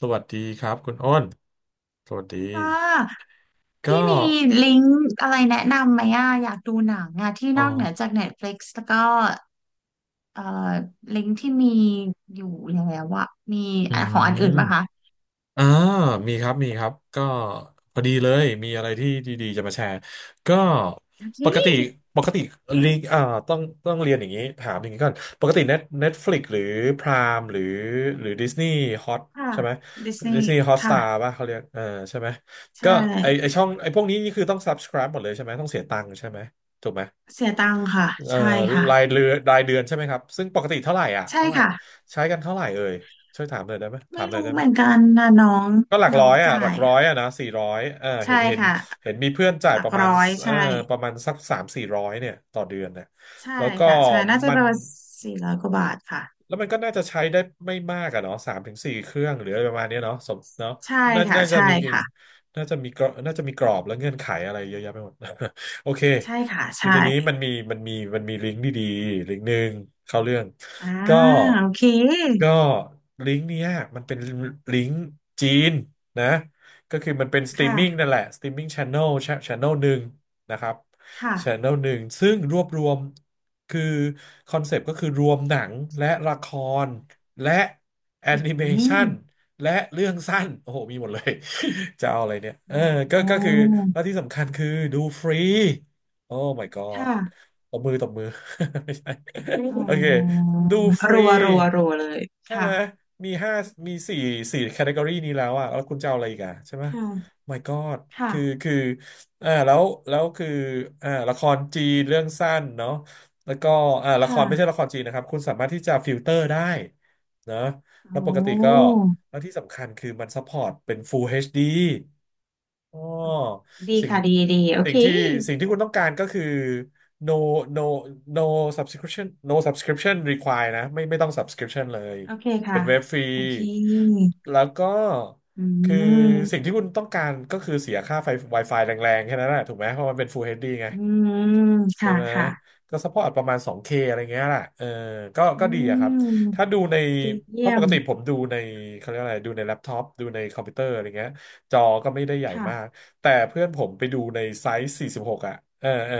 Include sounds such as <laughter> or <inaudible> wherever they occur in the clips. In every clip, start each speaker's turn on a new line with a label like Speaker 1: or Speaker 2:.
Speaker 1: สวัสดีครับคุณอ้นสวัสดี
Speaker 2: ค่ะ
Speaker 1: ก็
Speaker 2: พี่มีลิงก์อะไรแนะนำไหมอ่ะอยากดูหนังอ่ะที่
Speaker 1: อ๋อ
Speaker 2: นอกเหนือจาก Netflix แล้วก็เอ่อลิงก์ที่มีอยู่แล้วอ่ะมี
Speaker 1: อื
Speaker 2: ของอัน
Speaker 1: ม
Speaker 2: อื่นปะคะ
Speaker 1: อ่ามีครับก็พอดีเลยมีอะไรที่ดีๆจะมาแชร์ก็
Speaker 2: อื
Speaker 1: ปกติ
Speaker 2: ม
Speaker 1: ปกติลิงอ่าต้องต้องเรียนอย่างนี้ถามอย่างนี้ก่อนปกติเน็ตฟลิกหรือพรามหรือดิสนีย์ฮอต
Speaker 2: ค่ะ
Speaker 1: ใช่ไหม
Speaker 2: ดิสนี
Speaker 1: ดิ
Speaker 2: ย์
Speaker 1: สนีย์ฮอตส
Speaker 2: ค่ะ
Speaker 1: ตาร์ป่ะเขาเรียกเออใช่ไหม
Speaker 2: ใช
Speaker 1: ก็ไอ
Speaker 2: ่
Speaker 1: ช่องไอพวกนี้นี่คือต้อง subscribe หมดเลยใช่ไหมต้องเสียตังค์ใช่ไหมถูกไหม
Speaker 2: เสียตังคค่ะ
Speaker 1: เอ่อ
Speaker 2: ใช่ค่ะ
Speaker 1: รายเดือนใช่ไหมครับซึ่งปกติเท่าไหร่อ่ะ
Speaker 2: ใช่
Speaker 1: เท่าไหร่
Speaker 2: ค่ะ
Speaker 1: ใช้กันเท่าไหร่เอ่ยช่วยถามหน่อยได้ไหมถา
Speaker 2: ไม่
Speaker 1: มหน่อย
Speaker 2: รู้
Speaker 1: ได้ไห
Speaker 2: เห
Speaker 1: ม
Speaker 2: มือนกันนะน้อง
Speaker 1: ก็หลัก
Speaker 2: น้
Speaker 1: ร้
Speaker 2: อ
Speaker 1: อ
Speaker 2: ง
Speaker 1: ยอ่ะห
Speaker 2: จ่า
Speaker 1: ลัก
Speaker 2: ย
Speaker 1: ร้อ
Speaker 2: อ่ะ
Speaker 1: ยอ่ะนะสี่ร้อยเออเห็
Speaker 2: ใช่
Speaker 1: นเห็น
Speaker 2: ค่ะ
Speaker 1: เห็นมีเพื่อนจ่าย
Speaker 2: หลั
Speaker 1: ป
Speaker 2: ก
Speaker 1: ระมาณ
Speaker 2: ร้อย
Speaker 1: เออ
Speaker 2: ใช่
Speaker 1: ประมาณสักสามสี่ร้อยเนี่ยต่อเดือนเนี่ย
Speaker 2: ใช่
Speaker 1: แล้วก็
Speaker 2: ค่ะใช่น่าจะ
Speaker 1: มั
Speaker 2: ป
Speaker 1: น
Speaker 2: ระมาณ400กว่าบาทค่ะ
Speaker 1: แล้วมันก็น่าจะใช้ได้ไม่มากอะเนาะสามถึงสี่เครื่องหรืออะไรประมาณเนี้ยเนาะสมเนาะ
Speaker 2: ใช่
Speaker 1: น่า
Speaker 2: ค่ะ
Speaker 1: น่าจะ
Speaker 2: ใช่
Speaker 1: มี
Speaker 2: ค่ะ
Speaker 1: น่าจะมีกรอบน่าจะมีกรอบและเงื่อนไขอะไรเยอะแยะไปหมด <laughs> โอเค
Speaker 2: ใช่ค่ะ
Speaker 1: คือ
Speaker 2: ใช่
Speaker 1: ทีนี้มันมีลิงก์ดีๆลิงก์หนึ่งเข้าเรื่อง
Speaker 2: อ่า
Speaker 1: ก็
Speaker 2: โอเค
Speaker 1: ก็ลิงก์เนี้ยมันเป็นลิงก์จีนนะก็คือมันเป็นสตรีม
Speaker 2: ค่ะ
Speaker 1: มิ่งนั่นแหละสตรีมมิ่งชานอลหนึ่งนะครับ
Speaker 2: ค่ะ
Speaker 1: ชานอลหนึ่งซึ่งรวบรวม คือคอนเซปต์ก็คือรวมหนังและละครและแอ
Speaker 2: อื
Speaker 1: นิเมชั
Speaker 2: ม
Speaker 1: นและเรื่องสั้นโอ้โหมีหมดเลย <laughs> จะเอาอะไรเนี่ยเออก็
Speaker 2: โอ้
Speaker 1: ก็คือแล้วที่สำคัญคือดูฟรีโอ้ my god
Speaker 2: ค่ะ
Speaker 1: ตบมือตบมือ <laughs> ไม่ใช่
Speaker 2: อ๋
Speaker 1: โอเค
Speaker 2: อ
Speaker 1: ดูฟรี
Speaker 2: รัวรัวรัวเลย
Speaker 1: ใช่
Speaker 2: ค่ะ
Speaker 1: ไหมมีห้ามีสี่แคตตากรีนี้แล้วอะแล้วคุณจะเอาอะไรอีกอะใช่ไหม
Speaker 2: ค่ะ
Speaker 1: my god
Speaker 2: ค่ะ
Speaker 1: คืออ่าแล้วแล้วคือละครจีนเรื่องสั้นเนาะ แล้วก็ละครไม่ใช่
Speaker 2: ค่ะ
Speaker 1: ละครจีนนะครับคุณสามารถที่จะฟิลเตอร์ได้นะ
Speaker 2: โอ
Speaker 1: แล้วปกติก็
Speaker 2: ้
Speaker 1: แล้วที่สำคัญคือมันซัพพอร์ตเป็น Full HD อชดีอ๋อ
Speaker 2: อ๋อดี
Speaker 1: สิ่ง
Speaker 2: ค่ะดีดีโอ
Speaker 1: สิ่
Speaker 2: เค
Speaker 1: งที่สิ่งที่คุณต้องการก็คือ no no no subscription require นะไม่ต้อง subscription เลย
Speaker 2: โอเค
Speaker 1: เป็
Speaker 2: ค่ะ
Speaker 1: นเว็บฟรี
Speaker 2: โอเค
Speaker 1: แล้วก็
Speaker 2: อื
Speaker 1: คือสิ่งที่
Speaker 2: ม
Speaker 1: คุณต้องการก็คือเสียค่าไฟ Wi-Fi แรงๆแค่นั้นแหละถูกไหมเพราะมันเป็น Full HD ไง
Speaker 2: อืม
Speaker 1: ใช่
Speaker 2: ค่ะ
Speaker 1: ไหม
Speaker 2: ค่ะ
Speaker 1: ก็ซัพพอร์ตประมาณ 2K อะไรเงี้ยแหละเออก็
Speaker 2: อื
Speaker 1: ก็ดีอะครับ
Speaker 2: ม
Speaker 1: ถ้าดูใน
Speaker 2: ดี
Speaker 1: เพ
Speaker 2: เยี่
Speaker 1: ราะ
Speaker 2: ย
Speaker 1: ป
Speaker 2: ม
Speaker 1: กติผมดูในเขาเรียกอะไรดูในแล็ปท็อปดูในคอมพิวเตอร์อะไรเงี้ยจอก็ไม่ได้ใหญ่มาก
Speaker 2: ค่ะ
Speaker 1: แต่เพื่อนผมไปดูในไซส์46อ่ะเออเออ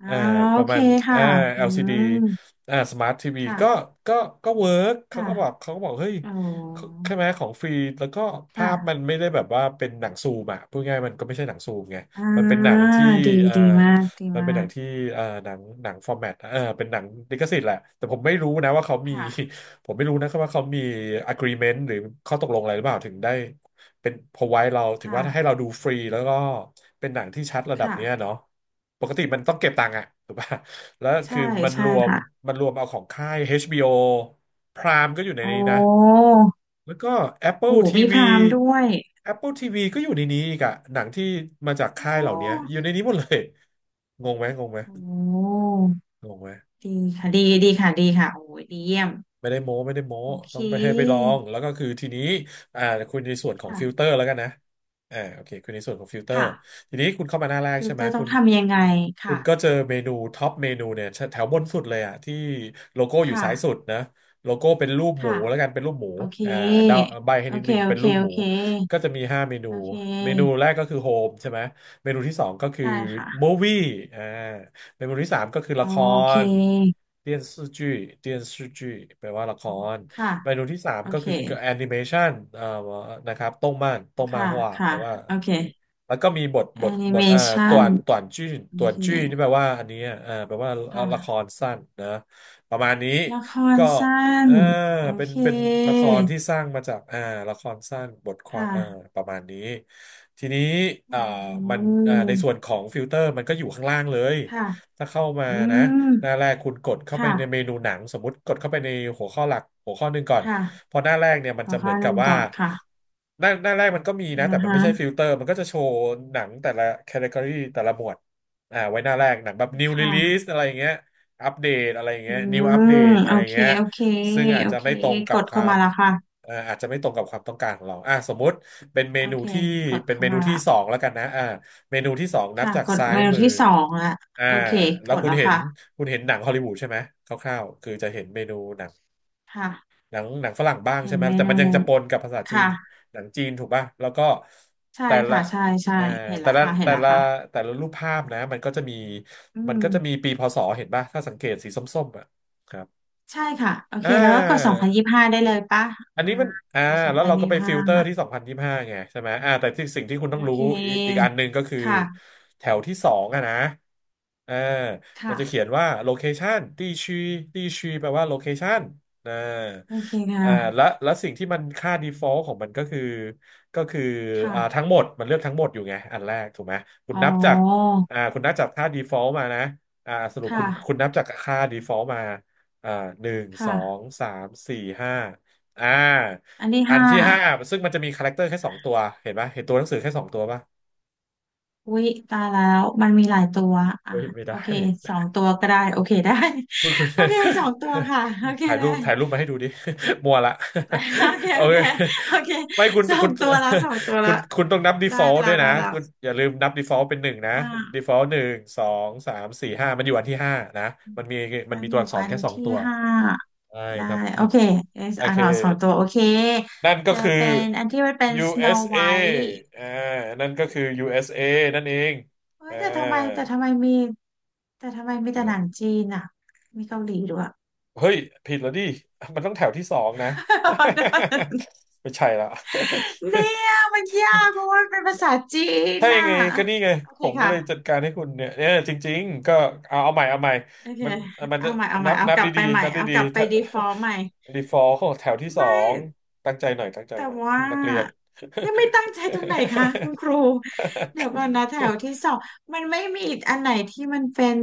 Speaker 2: อ่า
Speaker 1: เออป
Speaker 2: โอ
Speaker 1: ระ
Speaker 2: เค
Speaker 1: มาณเอ
Speaker 2: ค่ะ
Speaker 1: อ
Speaker 2: อื
Speaker 1: LCD อล
Speaker 2: ม
Speaker 1: ซีดีสมาร์ททีวี
Speaker 2: ค่ะ
Speaker 1: ก็ก็เวิร์กเขา
Speaker 2: ค่ะ
Speaker 1: ก็บอกเขาก็บอกเฮ้ย
Speaker 2: อ๋อ
Speaker 1: ใช่ไหมของฟรีแล้วก็ภา
Speaker 2: ค่ะ
Speaker 1: พมันไม่ได้แบบว่าเป็นหนังซูมอ่ะพูดง่ายๆมันก็ไม่ใช่หนังซูมไง
Speaker 2: อ่
Speaker 1: มันเป็นหนั
Speaker 2: า
Speaker 1: งที่
Speaker 2: ดี
Speaker 1: เอ่อ
Speaker 2: ดีมากดี
Speaker 1: มัน
Speaker 2: มา
Speaker 1: เป็นหนัง
Speaker 2: ก
Speaker 1: ที่หนังฟอร์แมตเป็นหนังลิขสิทธิ์แหละแต่ผมไม่รู้นะว่าเขามี
Speaker 2: ค่ะ
Speaker 1: <laughs> ผมไม่รู้นะครับว่าเขามี agreement หรือข้อตกลงอะไรหรือเปล่าถึงได้เป็น provide เรา
Speaker 2: ค
Speaker 1: ถึงว่าให้เรา
Speaker 2: ่ะ
Speaker 1: ดูฟรีแล้วก็เป็นหนังที่ชัดระดับเนี้ย
Speaker 2: ค่ะ
Speaker 1: เนาะปกติมันต้องเก็บตังค์อะถูกป่ะแล้ว
Speaker 2: ใช่
Speaker 1: คือมัน
Speaker 2: ใช่
Speaker 1: รวม
Speaker 2: ค่ะ
Speaker 1: มันรวมเอาของค่าย HBO Prime ก็อยู่ใน
Speaker 2: โอ
Speaker 1: นี้นะ
Speaker 2: ้
Speaker 1: แล้วก็
Speaker 2: โห
Speaker 1: Apple
Speaker 2: มีพ
Speaker 1: TV
Speaker 2: ราหมณ์ด้วย
Speaker 1: Apple ทีวีก็อยู่ในนี้อีกอะหนังที่มาจาก
Speaker 2: โอ
Speaker 1: ค่ายเหล่านี้
Speaker 2: ้
Speaker 1: อยู่ในนี้หมดเลยงงไหมงงไหม
Speaker 2: โอ้
Speaker 1: งงไหม
Speaker 2: ดีค่ะดีดีค่ะดีค่ะโอ้ยดีเยี่ยม
Speaker 1: ไม่ได้โม้ไม่ได้โม้
Speaker 2: โอเค
Speaker 1: ต้องไปให้ไปลองแล้วก็คือทีนี้อ่าคุณในส่วนของฟิลเตอ
Speaker 2: ค่ะ
Speaker 1: ร์แล้วกันนะโอเคคุณในส่วนของฟิลเตอร์
Speaker 2: ค่ะ
Speaker 1: ทีนี้คุณเข้ามาหน้าแรก
Speaker 2: คือ
Speaker 1: ใช่ไห
Speaker 2: เต
Speaker 1: ม
Speaker 2: อร์ต้
Speaker 1: คุ
Speaker 2: อง
Speaker 1: ณ
Speaker 2: ทำยังไง
Speaker 1: คุ
Speaker 2: ค่ะ
Speaker 1: ณก็เจอเมนูท็อปเมนูเนี่ยแถวบนสุดเลยอะที่โลโก้อยู่ซ้ายสุด
Speaker 2: ค่ะ
Speaker 1: นะโลโก้เป็นรูปหมู
Speaker 2: ค่ะ
Speaker 1: แล้วกันเป็นรูปหมู
Speaker 2: โอเค
Speaker 1: อ่าเดาใบให้
Speaker 2: โอ
Speaker 1: นิด
Speaker 2: เค
Speaker 1: นึง
Speaker 2: โอ
Speaker 1: เป็น
Speaker 2: เค
Speaker 1: รูป
Speaker 2: โอ
Speaker 1: หมู
Speaker 2: เค
Speaker 1: ก็จะมีห้าเมนู
Speaker 2: โอเค
Speaker 1: เมนูแรกก็คือโฮมใช่ไหมเมนูที่สองก็คือ
Speaker 2: ได้
Speaker 1: มู
Speaker 2: ค่ะ
Speaker 1: วี่อ่า ในหมวดที่สามก็คือ
Speaker 2: โอ
Speaker 1: ละค
Speaker 2: เ
Speaker 1: ร
Speaker 2: ค
Speaker 1: เ电่อจ视剧แปลว่าละคร
Speaker 2: ค่ะ
Speaker 1: เมนูที่สาม
Speaker 2: โอ
Speaker 1: ก็
Speaker 2: เค
Speaker 1: คือแอนิเมชันนะครับต้งม่าน
Speaker 2: ค่ะ
Speaker 1: ฮวาแป
Speaker 2: ค่ะ
Speaker 1: ลว่า
Speaker 2: โอเค
Speaker 1: แล้วก็มีบทบ
Speaker 2: แอ
Speaker 1: ท
Speaker 2: นิ
Speaker 1: บ
Speaker 2: เม
Speaker 1: ท
Speaker 2: ชั
Speaker 1: ต่ว
Speaker 2: น
Speaker 1: นต่วนจื้อ
Speaker 2: โอ
Speaker 1: ต่วน
Speaker 2: เค
Speaker 1: จื้อนี่แปลว่าอันนี้อ่ะแปลว่า
Speaker 2: ค่ะ
Speaker 1: ละครสั้นนะประมาณนี้
Speaker 2: ละคร
Speaker 1: ก็
Speaker 2: สั้
Speaker 1: เอ
Speaker 2: น
Speaker 1: อ
Speaker 2: โอ
Speaker 1: เป็น
Speaker 2: เค
Speaker 1: เป็นละครที่สร้างมาจากละครสั้นบทความ
Speaker 2: ค่ะ
Speaker 1: ประมาณนี้ทีนี้
Speaker 2: อื
Speaker 1: อ่ามันใน
Speaker 2: ม
Speaker 1: ส่วนของฟิลเตอร์มันก็อยู่ข้างล่างเลย
Speaker 2: ค่ะ
Speaker 1: ถ้าเข้ามา
Speaker 2: อื
Speaker 1: นะ
Speaker 2: ม
Speaker 1: หน้าแรกคุณกดเข้าไป
Speaker 2: ค่ะ
Speaker 1: ในเมนูหนังสมมติกดเข้าไปในหัวข้อหลักหัวข้อหนึ่งก่อน
Speaker 2: ค่ะ
Speaker 1: พอหน้าแรกเนี่ยมัน
Speaker 2: ขอ
Speaker 1: จะเห
Speaker 2: ข้
Speaker 1: มื
Speaker 2: อ
Speaker 1: อน
Speaker 2: ห
Speaker 1: กับ
Speaker 2: นึ่ง
Speaker 1: ว่า
Speaker 2: ก่อนค่ะ
Speaker 1: หน้าแรกมันก็มีนะ
Speaker 2: อ่า
Speaker 1: แต่มันไม่ใช่ฟิ
Speaker 2: ฮะ
Speaker 1: ลเตอร์มันก็จะโชว์หนังแต่ละแคตตากรีแต่ละหมวดอ่าไว้หน้าแรกหนังแบบ new
Speaker 2: ค
Speaker 1: release
Speaker 2: ่ะ
Speaker 1: อะไรอย่างเงี้ยอัปเดตอะไรอย่าง
Speaker 2: อื
Speaker 1: เงี้ย new
Speaker 2: ม
Speaker 1: update อะ
Speaker 2: โอ
Speaker 1: ไรอย่าง
Speaker 2: เค
Speaker 1: เงี้ย
Speaker 2: โอเค
Speaker 1: ซึ่งอาจ
Speaker 2: โอ
Speaker 1: จะ
Speaker 2: เค
Speaker 1: ไม่ตรงกั
Speaker 2: ก
Speaker 1: บ
Speaker 2: ด
Speaker 1: ค
Speaker 2: เข้า
Speaker 1: วาม
Speaker 2: มาแล้วค่ะ
Speaker 1: อาจจะไม่ตรงกับความต้องการของเราอ่ะสมมุติเป็นเม
Speaker 2: โอ
Speaker 1: นู
Speaker 2: เค
Speaker 1: ที่
Speaker 2: กด
Speaker 1: เป็น
Speaker 2: เข้า
Speaker 1: เมนู
Speaker 2: มา
Speaker 1: ที่
Speaker 2: ละ
Speaker 1: สองแล้วกันนะอ่าเมนูที่สองนับ
Speaker 2: ค่ะ
Speaker 1: จาก
Speaker 2: กด
Speaker 1: ซ้าย
Speaker 2: เมนู
Speaker 1: มือ
Speaker 2: ที่สองละ
Speaker 1: อ่า
Speaker 2: โอเค
Speaker 1: แล้
Speaker 2: ก
Speaker 1: ว
Speaker 2: ดแล้วค่ะ
Speaker 1: คุณเห็นหนังฮอลลีวูดใช่ไหมคร่าวๆคือจะเห็นเมนูหนัง
Speaker 2: ค่ะ
Speaker 1: หนังฝรั่งบ้าง
Speaker 2: เห็
Speaker 1: ใช่
Speaker 2: น
Speaker 1: ไหม
Speaker 2: เม
Speaker 1: แต่
Speaker 2: นู
Speaker 1: มันยังจะปนกับภาษาจีน
Speaker 2: ค่ะ
Speaker 1: หนังจีนถูกป่ะแล้วก็
Speaker 2: ใช่
Speaker 1: แต่ละ
Speaker 2: ค่ะใช่ใช่
Speaker 1: เอ่อ
Speaker 2: เห็น
Speaker 1: แต่
Speaker 2: แล้ว
Speaker 1: ละ
Speaker 2: ค่ะเห็น
Speaker 1: แต่
Speaker 2: แล้ว
Speaker 1: ละ
Speaker 2: ค่ะ
Speaker 1: แต่ละรูปภาพนะมันก็จะมี
Speaker 2: อืม
Speaker 1: ปีพศเห็นป่ะถ้าสังเกตสีส้มๆอ่ะครับ
Speaker 2: ใช่ค่ะโอเค
Speaker 1: อ่
Speaker 2: แล้วก็กดสอง
Speaker 1: า
Speaker 2: พันยี่สิบห้าได้เลยปะ
Speaker 1: อัน
Speaker 2: อ่า
Speaker 1: นี้มันอ่า
Speaker 2: กดสอง
Speaker 1: แล้ว
Speaker 2: พัน
Speaker 1: เรา
Speaker 2: ยี่
Speaker 1: ก็
Speaker 2: สิ
Speaker 1: ไป
Speaker 2: บ
Speaker 1: ฟิ
Speaker 2: ห้า
Speaker 1: ลเตอร์
Speaker 2: อ่ะ
Speaker 1: ที่สองพันยี่สิบห้าไงใช่ไหมอ่าแต่ที่สิ่งที่คุณ
Speaker 2: โอ
Speaker 1: ต้องรู้
Speaker 2: เค
Speaker 1: อีกอันหนึ่งก็คือ
Speaker 2: ค่ะ
Speaker 1: แถวที่สองอะนะอ่ามันจะเขียน
Speaker 2: ค่ะ
Speaker 1: ว่าโลเคชัน地区地区แปลว่าโลเคชันนะ
Speaker 2: โอเคค
Speaker 1: อ่าและ
Speaker 2: ่ะ
Speaker 1: และสิ่งที่มันค่า default ของมันก็คือก็คืออ่าทั้ง
Speaker 2: ค่ะ
Speaker 1: หมดมันเลือกทั้งหมดอยู่ไงอันแรกถูกไหมคุณ
Speaker 2: อ๋อ
Speaker 1: นับจากอ่าคุณนับจากค่า default มานะอ่าสรุปคุ
Speaker 2: ค่ะ
Speaker 1: ณคุณนับจากค่า default มาอ่าหนึ่งสอง
Speaker 2: ค่ะ
Speaker 1: สามสี่ห้า อ่า
Speaker 2: อันที่
Speaker 1: อัน
Speaker 2: ห้า
Speaker 1: ที่ห้าซึ่งมันจะมีคาแรคเตอร์แค่สองตัวเห็นปะเห็นตัวหนังสือแค่สองตัวปะ
Speaker 2: วิตายแล้วมันมีหลายตัวอ่ะ
Speaker 1: เฮ้ยไม่
Speaker 2: โอ
Speaker 1: ได้
Speaker 2: เคสองตัวก็ได้โอเคได้
Speaker 1: คุณคุณ
Speaker 2: <laughs> โอเคสองตัวค่ะโอเค
Speaker 1: <laughs> ถ่ายรู
Speaker 2: ได้
Speaker 1: ปถ่ายรูปมา
Speaker 2: <laughs>
Speaker 1: ให้ดูดิ <laughs> มัวละ
Speaker 2: โอเค
Speaker 1: <laughs> โอ
Speaker 2: โอ
Speaker 1: เค
Speaker 2: เคโอเค
Speaker 1: ไม่คุณ
Speaker 2: สอ
Speaker 1: คุ
Speaker 2: ง
Speaker 1: ณ
Speaker 2: ตัวแล้วสองตัว
Speaker 1: <laughs> คุ
Speaker 2: แล้ว
Speaker 1: ณคุณต้องนับ
Speaker 2: ได้
Speaker 1: default
Speaker 2: แล้
Speaker 1: ด้ว
Speaker 2: ว
Speaker 1: ย
Speaker 2: ได้
Speaker 1: นะ
Speaker 2: แล้ว
Speaker 1: คุณอย่าลืมนับ default เป็นหนึ่งนะ
Speaker 2: อ่า
Speaker 1: default หนึ่งสองสามสี่ห้ามันอยู่อันที่ห้านะมันมีมัน
Speaker 2: อัน
Speaker 1: มี
Speaker 2: อ
Speaker 1: ตัวอั
Speaker 2: ยู่
Speaker 1: กษร
Speaker 2: อัน
Speaker 1: แค่สอง
Speaker 2: ที่
Speaker 1: ตัว
Speaker 2: ห้า
Speaker 1: ใช่
Speaker 2: ได้
Speaker 1: นับ
Speaker 2: โอเค
Speaker 1: default
Speaker 2: yes
Speaker 1: โอ
Speaker 2: อ่า
Speaker 1: เค
Speaker 2: นออสองตัวโอเค
Speaker 1: นั่นก็
Speaker 2: เจอ
Speaker 1: คือ
Speaker 2: เป็นอันที่มันเป็น Snow
Speaker 1: USA อ
Speaker 2: White
Speaker 1: สเออ่านั่นก็คือ USA นั่นเอง
Speaker 2: เฮ้ย
Speaker 1: อ่า
Speaker 2: แต่ทำไมแต่ทำไมมีแต่ทำไมมีแต่
Speaker 1: เล
Speaker 2: ห
Speaker 1: ย
Speaker 2: นังจีนอ่ะมีเกาหลีด้วย <laughs>
Speaker 1: เฮ้ยผิดแล้วดิมันต้องแถวที่สองนะ <laughs> ไม่ใช่ละ
Speaker 2: เนี่ยมันยากเพราะว่ามันเป็นภาษาจี
Speaker 1: <laughs>
Speaker 2: น
Speaker 1: ถ้ายั
Speaker 2: น่ะ
Speaker 1: งไงก็นี่ไง
Speaker 2: โอเค
Speaker 1: ผมก็
Speaker 2: ค่ะ
Speaker 1: เลยจัดการให้คุณเนี่ยเนี่ยจริงๆก็เอาใหม่เอาใหม่
Speaker 2: โอเค
Speaker 1: มันมัน
Speaker 2: เอา
Speaker 1: จะ
Speaker 2: ใหม่เอาให
Speaker 1: นั
Speaker 2: ม่
Speaker 1: บ
Speaker 2: เอา
Speaker 1: นับ
Speaker 2: กลับไป
Speaker 1: ดี
Speaker 2: ให
Speaker 1: ๆ
Speaker 2: ม่
Speaker 1: นับ
Speaker 2: เอา
Speaker 1: ดี
Speaker 2: กลับ
Speaker 1: ๆ
Speaker 2: ไป
Speaker 1: ถ้า
Speaker 2: default ใหม่
Speaker 1: <laughs> default ของแถวที่สอ
Speaker 2: ไม่
Speaker 1: งตั้งใจหน่อยตั้งใจ
Speaker 2: แต่
Speaker 1: หน่อย
Speaker 2: ว่า
Speaker 1: นักเรียน
Speaker 2: นี่ไม่ตั้งใจตรงไหนคะคุณครูเดี๋ยวก่อนนะแถว
Speaker 1: <laughs>
Speaker 2: ที่สองมันไม่มีอีกอันไหนที่มันเป็น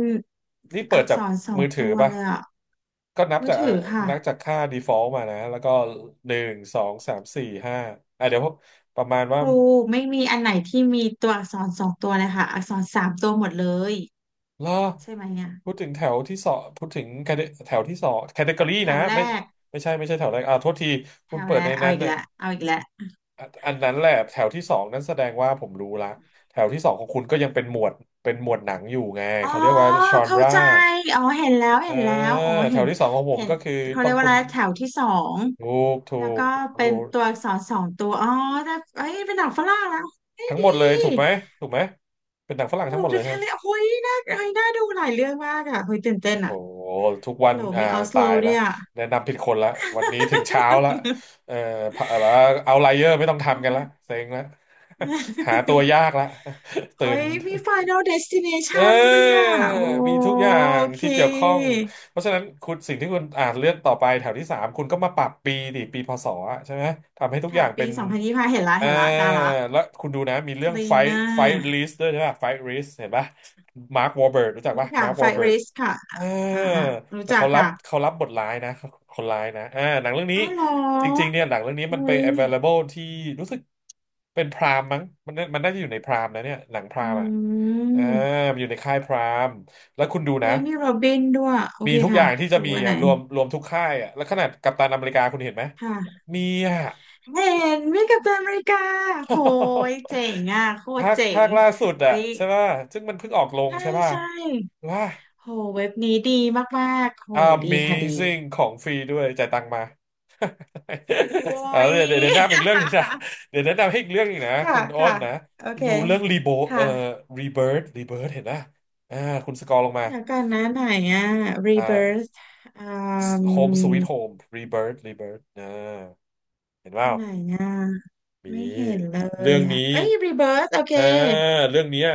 Speaker 1: นี่
Speaker 2: อั
Speaker 1: เปิด
Speaker 2: ก
Speaker 1: จา
Speaker 2: ษ
Speaker 1: ก
Speaker 2: รสอ
Speaker 1: มื
Speaker 2: ง
Speaker 1: อถื
Speaker 2: ตั
Speaker 1: อ
Speaker 2: ว
Speaker 1: ป่ะ
Speaker 2: เลยอะ
Speaker 1: ก็นับ
Speaker 2: มือ
Speaker 1: จาก
Speaker 2: ถือค่ะ
Speaker 1: นับจากค่า default มานะ แล้วก็หนึ่งสองสามสี่ห้าอ่ะเดี๋ยวประมาณ
Speaker 2: ค
Speaker 1: ว่า
Speaker 2: รูไม่มีอันไหนที่มีตัวอักษรสองตัวเลยค่ะอักษรสามตัวหมดเลย
Speaker 1: ล่อ
Speaker 2: ใช่ไหมเนี่ย
Speaker 1: พูดถึงแถวที่สองพูดถึง แถวที่สองแคตตากรี
Speaker 2: แถ
Speaker 1: นะ
Speaker 2: วแร
Speaker 1: ไม่
Speaker 2: ก
Speaker 1: ไม่ใช่ไม่ใช่แถวแรกอ่าโทษที
Speaker 2: แถ
Speaker 1: คุณ
Speaker 2: ว
Speaker 1: เปิ
Speaker 2: แร
Speaker 1: ดใน
Speaker 2: กเอา
Speaker 1: นั้น
Speaker 2: อีก
Speaker 1: น่ะ
Speaker 2: แล้วเอาอีกแล้ว
Speaker 1: อะอันนั้นแหละแถวที่สองนั้นแสดงว่าผมรู้ละแถวที่สองของคุณก็ยังเป็นหมวดเป็นหมวดหนังอยู่ไง
Speaker 2: อ๋อ
Speaker 1: เขาเรียกว่าชอน
Speaker 2: เข้า
Speaker 1: รา
Speaker 2: ใจอ๋อเห็นแล้ว
Speaker 1: เออ
Speaker 2: เห็นแล้วอ๋อ
Speaker 1: แถ
Speaker 2: เห็
Speaker 1: ว
Speaker 2: น
Speaker 1: ที่สองของผม
Speaker 2: เห็น
Speaker 1: ก็คือ
Speaker 2: เขา
Speaker 1: ต้
Speaker 2: เรี
Speaker 1: อ
Speaker 2: ย
Speaker 1: ง
Speaker 2: กว่า
Speaker 1: คุ
Speaker 2: อะ
Speaker 1: ณ
Speaker 2: ไรแถวที่สอง
Speaker 1: ถูก
Speaker 2: แล้
Speaker 1: ถู
Speaker 2: วก็
Speaker 1: ก
Speaker 2: เป็นตัวอักษรสองตัวอ๋อแต่เอ้ยเป็นหนังฝรั่งแล้วเฮ้ย
Speaker 1: ทั้ง
Speaker 2: ดี
Speaker 1: หมดเลยถูกไหมถูกไหมเป็นหนังฝรั่ง
Speaker 2: โอ้
Speaker 1: ทั้งหมด
Speaker 2: ดู
Speaker 1: เลย
Speaker 2: แค่
Speaker 1: ฮะ
Speaker 2: เลยโอ้ยน่าเอ้ยน่าดูหลายเรื่องมากอ่ะเฮ้ยตื่นเต้น
Speaker 1: โอ้โห
Speaker 2: อ่ะ
Speaker 1: ทุก
Speaker 2: ฮั
Speaker 1: วั
Speaker 2: ล
Speaker 1: น
Speaker 2: โหล
Speaker 1: อ่า
Speaker 2: มีออสโล
Speaker 1: ตาย
Speaker 2: ด้ว
Speaker 1: ละ
Speaker 2: ยอ่ะ
Speaker 1: แนะนำผิดคนละวันนี้ถึงเช้าละเอ่อพะแบบว่าเอาไลเยอร์ไม่ต้องทำกันละเซ็งละ <laughs> หาตัว
Speaker 2: <laughs>
Speaker 1: ยากละ <laughs> ตื่
Speaker 2: โอ้
Speaker 1: น
Speaker 2: ยมี Final
Speaker 1: เ
Speaker 2: Destination ด้วย
Speaker 1: ออ
Speaker 2: อ่ะโอ
Speaker 1: มีทุกอย่าง
Speaker 2: เ
Speaker 1: ที่เกี่ยวข้อง
Speaker 2: ค
Speaker 1: เพราะฉะนั้นคุณสิ่งที่คุณอ่านเลื่อนต่อไปแถวที่สามคุณก็มาปรับปีดิปีพศอะใช่ไหมทำให้ทุกอ
Speaker 2: ค่ะ
Speaker 1: ย่างเป็
Speaker 2: ปี
Speaker 1: น
Speaker 2: สองพันยี่สิบห้าเห็นละ
Speaker 1: เออ
Speaker 2: เห็นละได้ละ
Speaker 1: แล้วคุณดูนะมี
Speaker 2: ค
Speaker 1: เรื่อง
Speaker 2: ลี
Speaker 1: ไฟ
Speaker 2: น n ่า
Speaker 1: ไฟลิสด้วยใช่ป่ะไฟลิสเห็นป่ะมาร์ควอร์เบิร์รู้จัก
Speaker 2: มี
Speaker 1: ป่ะ
Speaker 2: ค่ะ
Speaker 1: มาร์ค
Speaker 2: ไฟ
Speaker 1: วอร์เบิ
Speaker 2: r ร
Speaker 1: ร์
Speaker 2: สค่ะ
Speaker 1: เอ่า
Speaker 2: อ่าอ่ารู้
Speaker 1: แต่
Speaker 2: จัก
Speaker 1: เขารับ
Speaker 2: ค่ะ
Speaker 1: เขารับบทร้ายนะเขาคนร้ายนะอ่าหนังเรื่องนี้
Speaker 2: อ้าวเหร
Speaker 1: จริงๆ
Speaker 2: อ
Speaker 1: เนี่ยหนังเรื่องนี้มัน
Speaker 2: อุ้
Speaker 1: ไป
Speaker 2: ย
Speaker 1: available ที่รู้สึกเป็นพรามมั้งมันน่าจะอยู่ในพรามนะเนี่ยหนังพรา
Speaker 2: อื
Speaker 1: มอ่ะเอ่า
Speaker 2: ม
Speaker 1: มันอยู่ในค่ายพรามแล้วคุณดู
Speaker 2: โอ้
Speaker 1: นะ
Speaker 2: ยมีโรบินด้วยโอ
Speaker 1: มี
Speaker 2: เค
Speaker 1: ทุกอ
Speaker 2: ค่ะ
Speaker 1: ย่างที่จะ
Speaker 2: ดู
Speaker 1: มี
Speaker 2: อันไหน
Speaker 1: อ่ะรวมทุกค่ายอ่ะแล้วขนาดกัปตันอเมริกาคุณเห็นไหม
Speaker 2: ค่ะ
Speaker 1: มีอ่ะ
Speaker 2: เห็นมีกัปตันอเมริกาโหย
Speaker 1: <laughs>
Speaker 2: เจ๋งอ่ะโคตร
Speaker 1: ภาค
Speaker 2: เจ๋
Speaker 1: ภา
Speaker 2: ง
Speaker 1: คล่าสุด
Speaker 2: โอ้
Speaker 1: อะ
Speaker 2: ย
Speaker 1: ใช่ป่ะซึ่งมันเพิ่งออกลง
Speaker 2: ใช่
Speaker 1: ใช่ป่ะ
Speaker 2: ใช่
Speaker 1: ว่า
Speaker 2: โหเว็บนี้ดีมากๆโหดีค่ะดี
Speaker 1: Amazing ของฟรีด้วยจ่ายตังค์มา อ่า
Speaker 2: โอ้ย
Speaker 1: เดี๋ยวแนะนำอีกเรื่องหนึงนะเดี๋ยวแนะนำให้อีกเรื่องหนึงนะ
Speaker 2: <laughs> ค่ะ
Speaker 1: คุณอ้
Speaker 2: ค่ะ
Speaker 1: นนะ
Speaker 2: โอ
Speaker 1: คุณ
Speaker 2: เค
Speaker 1: ดูเรื่องรีโบ
Speaker 2: ค
Speaker 1: เอ่อ
Speaker 2: ่ะ
Speaker 1: รีเบิร์ดเห็นนะอ่าคุณสกอร์ลงมา
Speaker 2: เดี๋ยวก่อนนะไหนอ่ะ
Speaker 1: อ่
Speaker 2: Rebirth
Speaker 1: า
Speaker 2: อื
Speaker 1: โฮมสวีทโฮ
Speaker 2: ม
Speaker 1: มรีเบิร์ดเห็นเป
Speaker 2: อั
Speaker 1: ล่า
Speaker 2: นไหนอ่ะ
Speaker 1: มี
Speaker 2: ไม่เห็นเลย
Speaker 1: เรื่อง
Speaker 2: อ่ะ
Speaker 1: นี้
Speaker 2: เอ้ย Rebirth โอเค
Speaker 1: อ่าเรื่องเนี้ย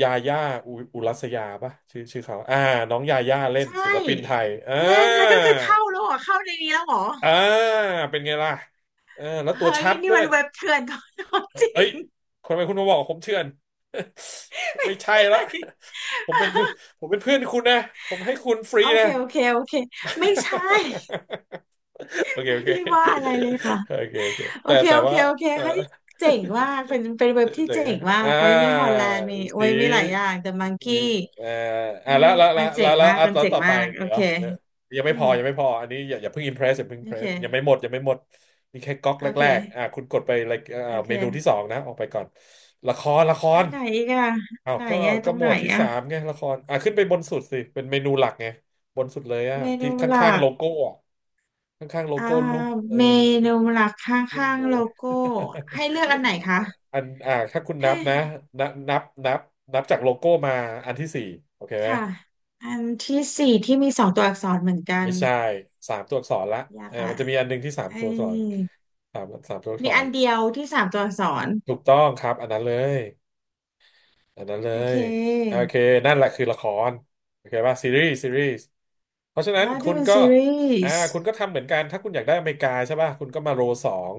Speaker 1: ยาย่าอุรัสยาปะชื่อเขาน้องยาย่าเล่
Speaker 2: ใช
Speaker 1: นศิ
Speaker 2: ่
Speaker 1: ลปินไทย
Speaker 2: เล่นแล้วก็คือเข้าแล้วเหรอเข้าในนี้แล้วเหรอ
Speaker 1: อ่าเป็นไงล่ะเออแล้วตั
Speaker 2: เฮ้
Speaker 1: ว
Speaker 2: ย
Speaker 1: ชัด
Speaker 2: นี่
Speaker 1: ด้ว
Speaker 2: มั
Speaker 1: ย
Speaker 2: นเว็บเถื่อนของจริ
Speaker 1: เอ้ย
Speaker 2: ง
Speaker 1: ทำไมคุณมาบอกผมเถื่อน <laughs> ไม่ใช่ละผมเป็นเพื่อนผมเป็นเพื่อนคุณนะผมให้คุณฟรี
Speaker 2: โอเค
Speaker 1: นะ <laughs>
Speaker 2: โอเคโอเคไม่ใช่
Speaker 1: โอ
Speaker 2: <laughs>
Speaker 1: เค
Speaker 2: ไม่
Speaker 1: โอเ
Speaker 2: ได้ว่าอะไร
Speaker 1: ค
Speaker 2: เลยค่ะ
Speaker 1: โอเคโอเค
Speaker 2: โอ
Speaker 1: แต่
Speaker 2: เคโอเค
Speaker 1: ว่า
Speaker 2: โอเค
Speaker 1: เออ
Speaker 2: เฮ้ยเจ๋งมากเป็นเป็นเว็บที่
Speaker 1: เดี๋ยว
Speaker 2: เจ๋
Speaker 1: นะ
Speaker 2: งมา
Speaker 1: อ่
Speaker 2: กไว้มีฮอล
Speaker 1: า
Speaker 2: แลนด์มี
Speaker 1: สี
Speaker 2: ไว้มีหลายอย่างแต่มัง
Speaker 1: อี
Speaker 2: กี้
Speaker 1: เอ่อ
Speaker 2: เฮ้
Speaker 1: แล้
Speaker 2: ย
Speaker 1: ว
Speaker 2: มันเจ๋งมากมัน
Speaker 1: แล้ว
Speaker 2: เจ๋ง
Speaker 1: ต่อไป
Speaker 2: มากโอ
Speaker 1: เดี๋ยว
Speaker 2: เค
Speaker 1: ยัง
Speaker 2: อื
Speaker 1: ไม่พอ
Speaker 2: ม
Speaker 1: อันนี้อย่าเพิ่งอิมเพรสอย่าเพิ่งอิ
Speaker 2: โอ
Speaker 1: มเพร
Speaker 2: เค
Speaker 1: สยังไม่หมดนี่แค่ก๊อก
Speaker 2: โอ
Speaker 1: แร
Speaker 2: เค
Speaker 1: กๆคุณกดไปเลย
Speaker 2: โอ
Speaker 1: เมนูที่ส
Speaker 2: เค
Speaker 1: องนะ ออกไปก่อน ละคร
Speaker 2: อันไหนอีกอะ
Speaker 1: อ้าว
Speaker 2: ไหน
Speaker 1: ก็
Speaker 2: อะตรง
Speaker 1: หม
Speaker 2: ไหน
Speaker 1: วดที่สาม
Speaker 2: อะ
Speaker 1: ไงละครขึ้นไปบนสุดสิ เป็นเมนูหลักไง บนสุดเลยอ่ะ
Speaker 2: เม
Speaker 1: ที่
Speaker 2: นู
Speaker 1: ข
Speaker 2: ห
Speaker 1: ้า
Speaker 2: ลั
Speaker 1: งๆ
Speaker 2: ก
Speaker 1: โลโก้อ่ะข้างๆโล
Speaker 2: อ่า
Speaker 1: โก้รูปเออ
Speaker 2: เมนูหลักข
Speaker 1: รูป
Speaker 2: ้า
Speaker 1: ห
Speaker 2: งๆ
Speaker 1: มู
Speaker 2: โลโก้ให้เลือกอันไหนคะ
Speaker 1: อันถ้าคุณนั
Speaker 2: ให้
Speaker 1: บนะนับนับจากโลโก้มาอันที่สี่โอเคไหม
Speaker 2: ค่ะอันที่สี่ที่มีสองตัวอักษรเหมือนกัน
Speaker 1: ไม่ใช่สามตัวอักษรละ
Speaker 2: ยาก
Speaker 1: เอ่า
Speaker 2: ละ
Speaker 1: มันจะมีอันหนึ่งที่สาม
Speaker 2: ไอ้
Speaker 1: ตัวอักษรสามตัวอักษ
Speaker 2: มีอั
Speaker 1: ร
Speaker 2: นเดียวที่สามตัวอักษร
Speaker 1: ถูกต้องครับ อันนั้นเลย อันนั้นเล
Speaker 2: โอเ
Speaker 1: ยโอ
Speaker 2: ค
Speaker 1: เคนั่นแหละคือละครโอเคป่ะซีรีส์ซีรีส์เพราะฉะนั้น
Speaker 2: อ่า
Speaker 1: คุ
Speaker 2: ที่
Speaker 1: ณ
Speaker 2: เป็น
Speaker 1: ก็
Speaker 2: ซีรีส์
Speaker 1: คุณก็ทำเหมือนกันถ้าคุณอยากได้อเมริกาใช่ป่ะคุณก็มาโรสอง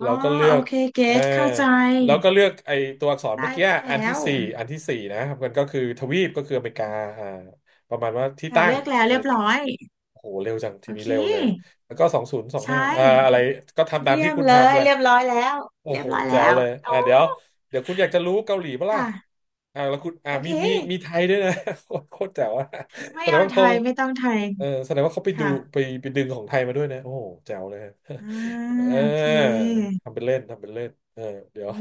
Speaker 2: อ๋อ
Speaker 1: แล้วก็เลือ
Speaker 2: โอ
Speaker 1: ก
Speaker 2: เคเก
Speaker 1: เออ
Speaker 2: ตเข้าใจ
Speaker 1: แล้วก็เลือกไอตัวอักษรเมื่
Speaker 2: ได้
Speaker 1: อกี้อัน
Speaker 2: แล้
Speaker 1: ที่
Speaker 2: ว
Speaker 1: สี่อันที่สี่นะครับมันก็คือทวีปก็คืออเมริกาอ่าประมาณว่าที่
Speaker 2: ค่ะ
Speaker 1: ตั้
Speaker 2: เลื
Speaker 1: ง
Speaker 2: อกแล้วเรียบร้อย
Speaker 1: โอ้โหเร็วจังที
Speaker 2: โอ
Speaker 1: นี้
Speaker 2: เค
Speaker 1: เร็วเลยแล้วก็สองศูนย์สอง
Speaker 2: ใช่
Speaker 1: ห้าอะไรก็ทำตาม
Speaker 2: เยี่ย
Speaker 1: ที่
Speaker 2: ม
Speaker 1: คุณ
Speaker 2: เลย
Speaker 1: ทำแหละ
Speaker 2: เรียบร้อยแล้ว
Speaker 1: โอ้
Speaker 2: เรีย
Speaker 1: โห
Speaker 2: บร้อย
Speaker 1: แจ๋
Speaker 2: แล้
Speaker 1: ว
Speaker 2: ว
Speaker 1: เลย
Speaker 2: โอ้
Speaker 1: เดี๋ยวเดี๋ยวคุณอยากจะรู้เกาหลีปะล่ะ
Speaker 2: ค่ะ
Speaker 1: แล้วคุณ
Speaker 2: โอเค
Speaker 1: มีมีไทยด้วยนะ <laughs> โคตรแจ๋วอะ
Speaker 2: ไม่
Speaker 1: แสดง
Speaker 2: เอา
Speaker 1: ว่า
Speaker 2: ไท
Speaker 1: เขา
Speaker 2: ยไม่ต้องไทย
Speaker 1: เออแสดงว่าเขาไปดู
Speaker 2: ค่ะ
Speaker 1: ไปดึงของไทยมาด้วยนะโอ้โหแจ๋วเลย <laughs> ฮะ
Speaker 2: อ่า
Speaker 1: เออ
Speaker 2: โอเค
Speaker 1: ทำเป็นเล่นเออเดี๋ยว
Speaker 2: อื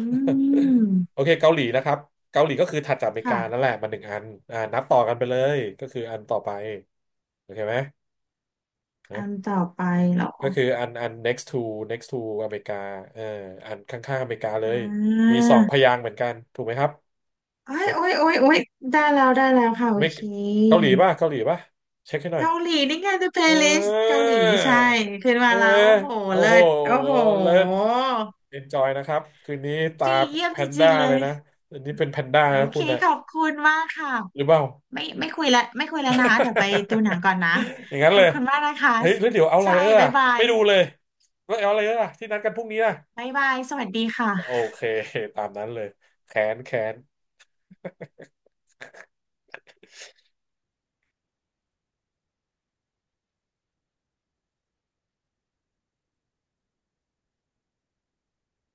Speaker 1: <laughs> โอ
Speaker 2: ม
Speaker 1: เคเกาหลีนะครับเกาหลีก็คือถัดจากอเมริกา
Speaker 2: ค่ะ
Speaker 1: นั่นแหละมาหนึ่งอันนับต่อกันไปเลยก็คืออันต่อไปโอเคไหม
Speaker 2: อันต่อไปเหรอ
Speaker 1: ก็คืออันnext to next to อเมริกาเอออันข้างๆอเมริกาเล
Speaker 2: อ่
Speaker 1: ยมี
Speaker 2: า
Speaker 1: สองพยางค์เหมือนกันถูกไหมครับ
Speaker 2: โอ้
Speaker 1: ก
Speaker 2: ย
Speaker 1: ด
Speaker 2: โอ้ยโอ้ยโอ้ยได้แล้วได้แล้วค่ะโอ
Speaker 1: ไม่
Speaker 2: เค
Speaker 1: เกาหลีป่ะเช็คให้หน่อย
Speaker 2: เกาหลีนี่ไง The
Speaker 1: เอ
Speaker 2: Playlist เกา
Speaker 1: อ
Speaker 2: หลีใช่ขึ้น
Speaker 1: เอ
Speaker 2: มา
Speaker 1: อ
Speaker 2: แล้วโอ้โห
Speaker 1: โอ้
Speaker 2: เลิ
Speaker 1: โห
Speaker 2: ศโอ้โห
Speaker 1: เลิศ enjoy นะครับคืนนี้ตา
Speaker 2: ดีเยี่ยม
Speaker 1: แพ
Speaker 2: จ
Speaker 1: น
Speaker 2: ริ
Speaker 1: ด้า
Speaker 2: งๆเล
Speaker 1: เลย
Speaker 2: ย
Speaker 1: นะอันนี้เป็นแพนด้า
Speaker 2: โอ
Speaker 1: นะ
Speaker 2: เค
Speaker 1: คุณนะ
Speaker 2: ขอบคุณมากค่ะ
Speaker 1: หรือเปล่า
Speaker 2: ไม่ไม่คุยแล้วไม่คุยแล้วนะคะเดี๋ยวไปดูหนังก่อนนะ
Speaker 1: <laughs> อย่างนั้
Speaker 2: ข
Speaker 1: น
Speaker 2: อ
Speaker 1: เล
Speaker 2: บ
Speaker 1: ย
Speaker 2: คุณมากนะคะ
Speaker 1: เฮ้ยแล้วเดี๋ยวเอาไล
Speaker 2: ใช่
Speaker 1: เออร์
Speaker 2: บ๊าย
Speaker 1: อะ
Speaker 2: บาย
Speaker 1: ไม่ดูเลยแล้วเอาไลเออร์อะที่นัดกันพรุ่งนี้อะ
Speaker 2: บ๊ายบายสวัสดี
Speaker 1: โอ
Speaker 2: ค่ะ
Speaker 1: เค ตามนั้นเลย แค้น แค้น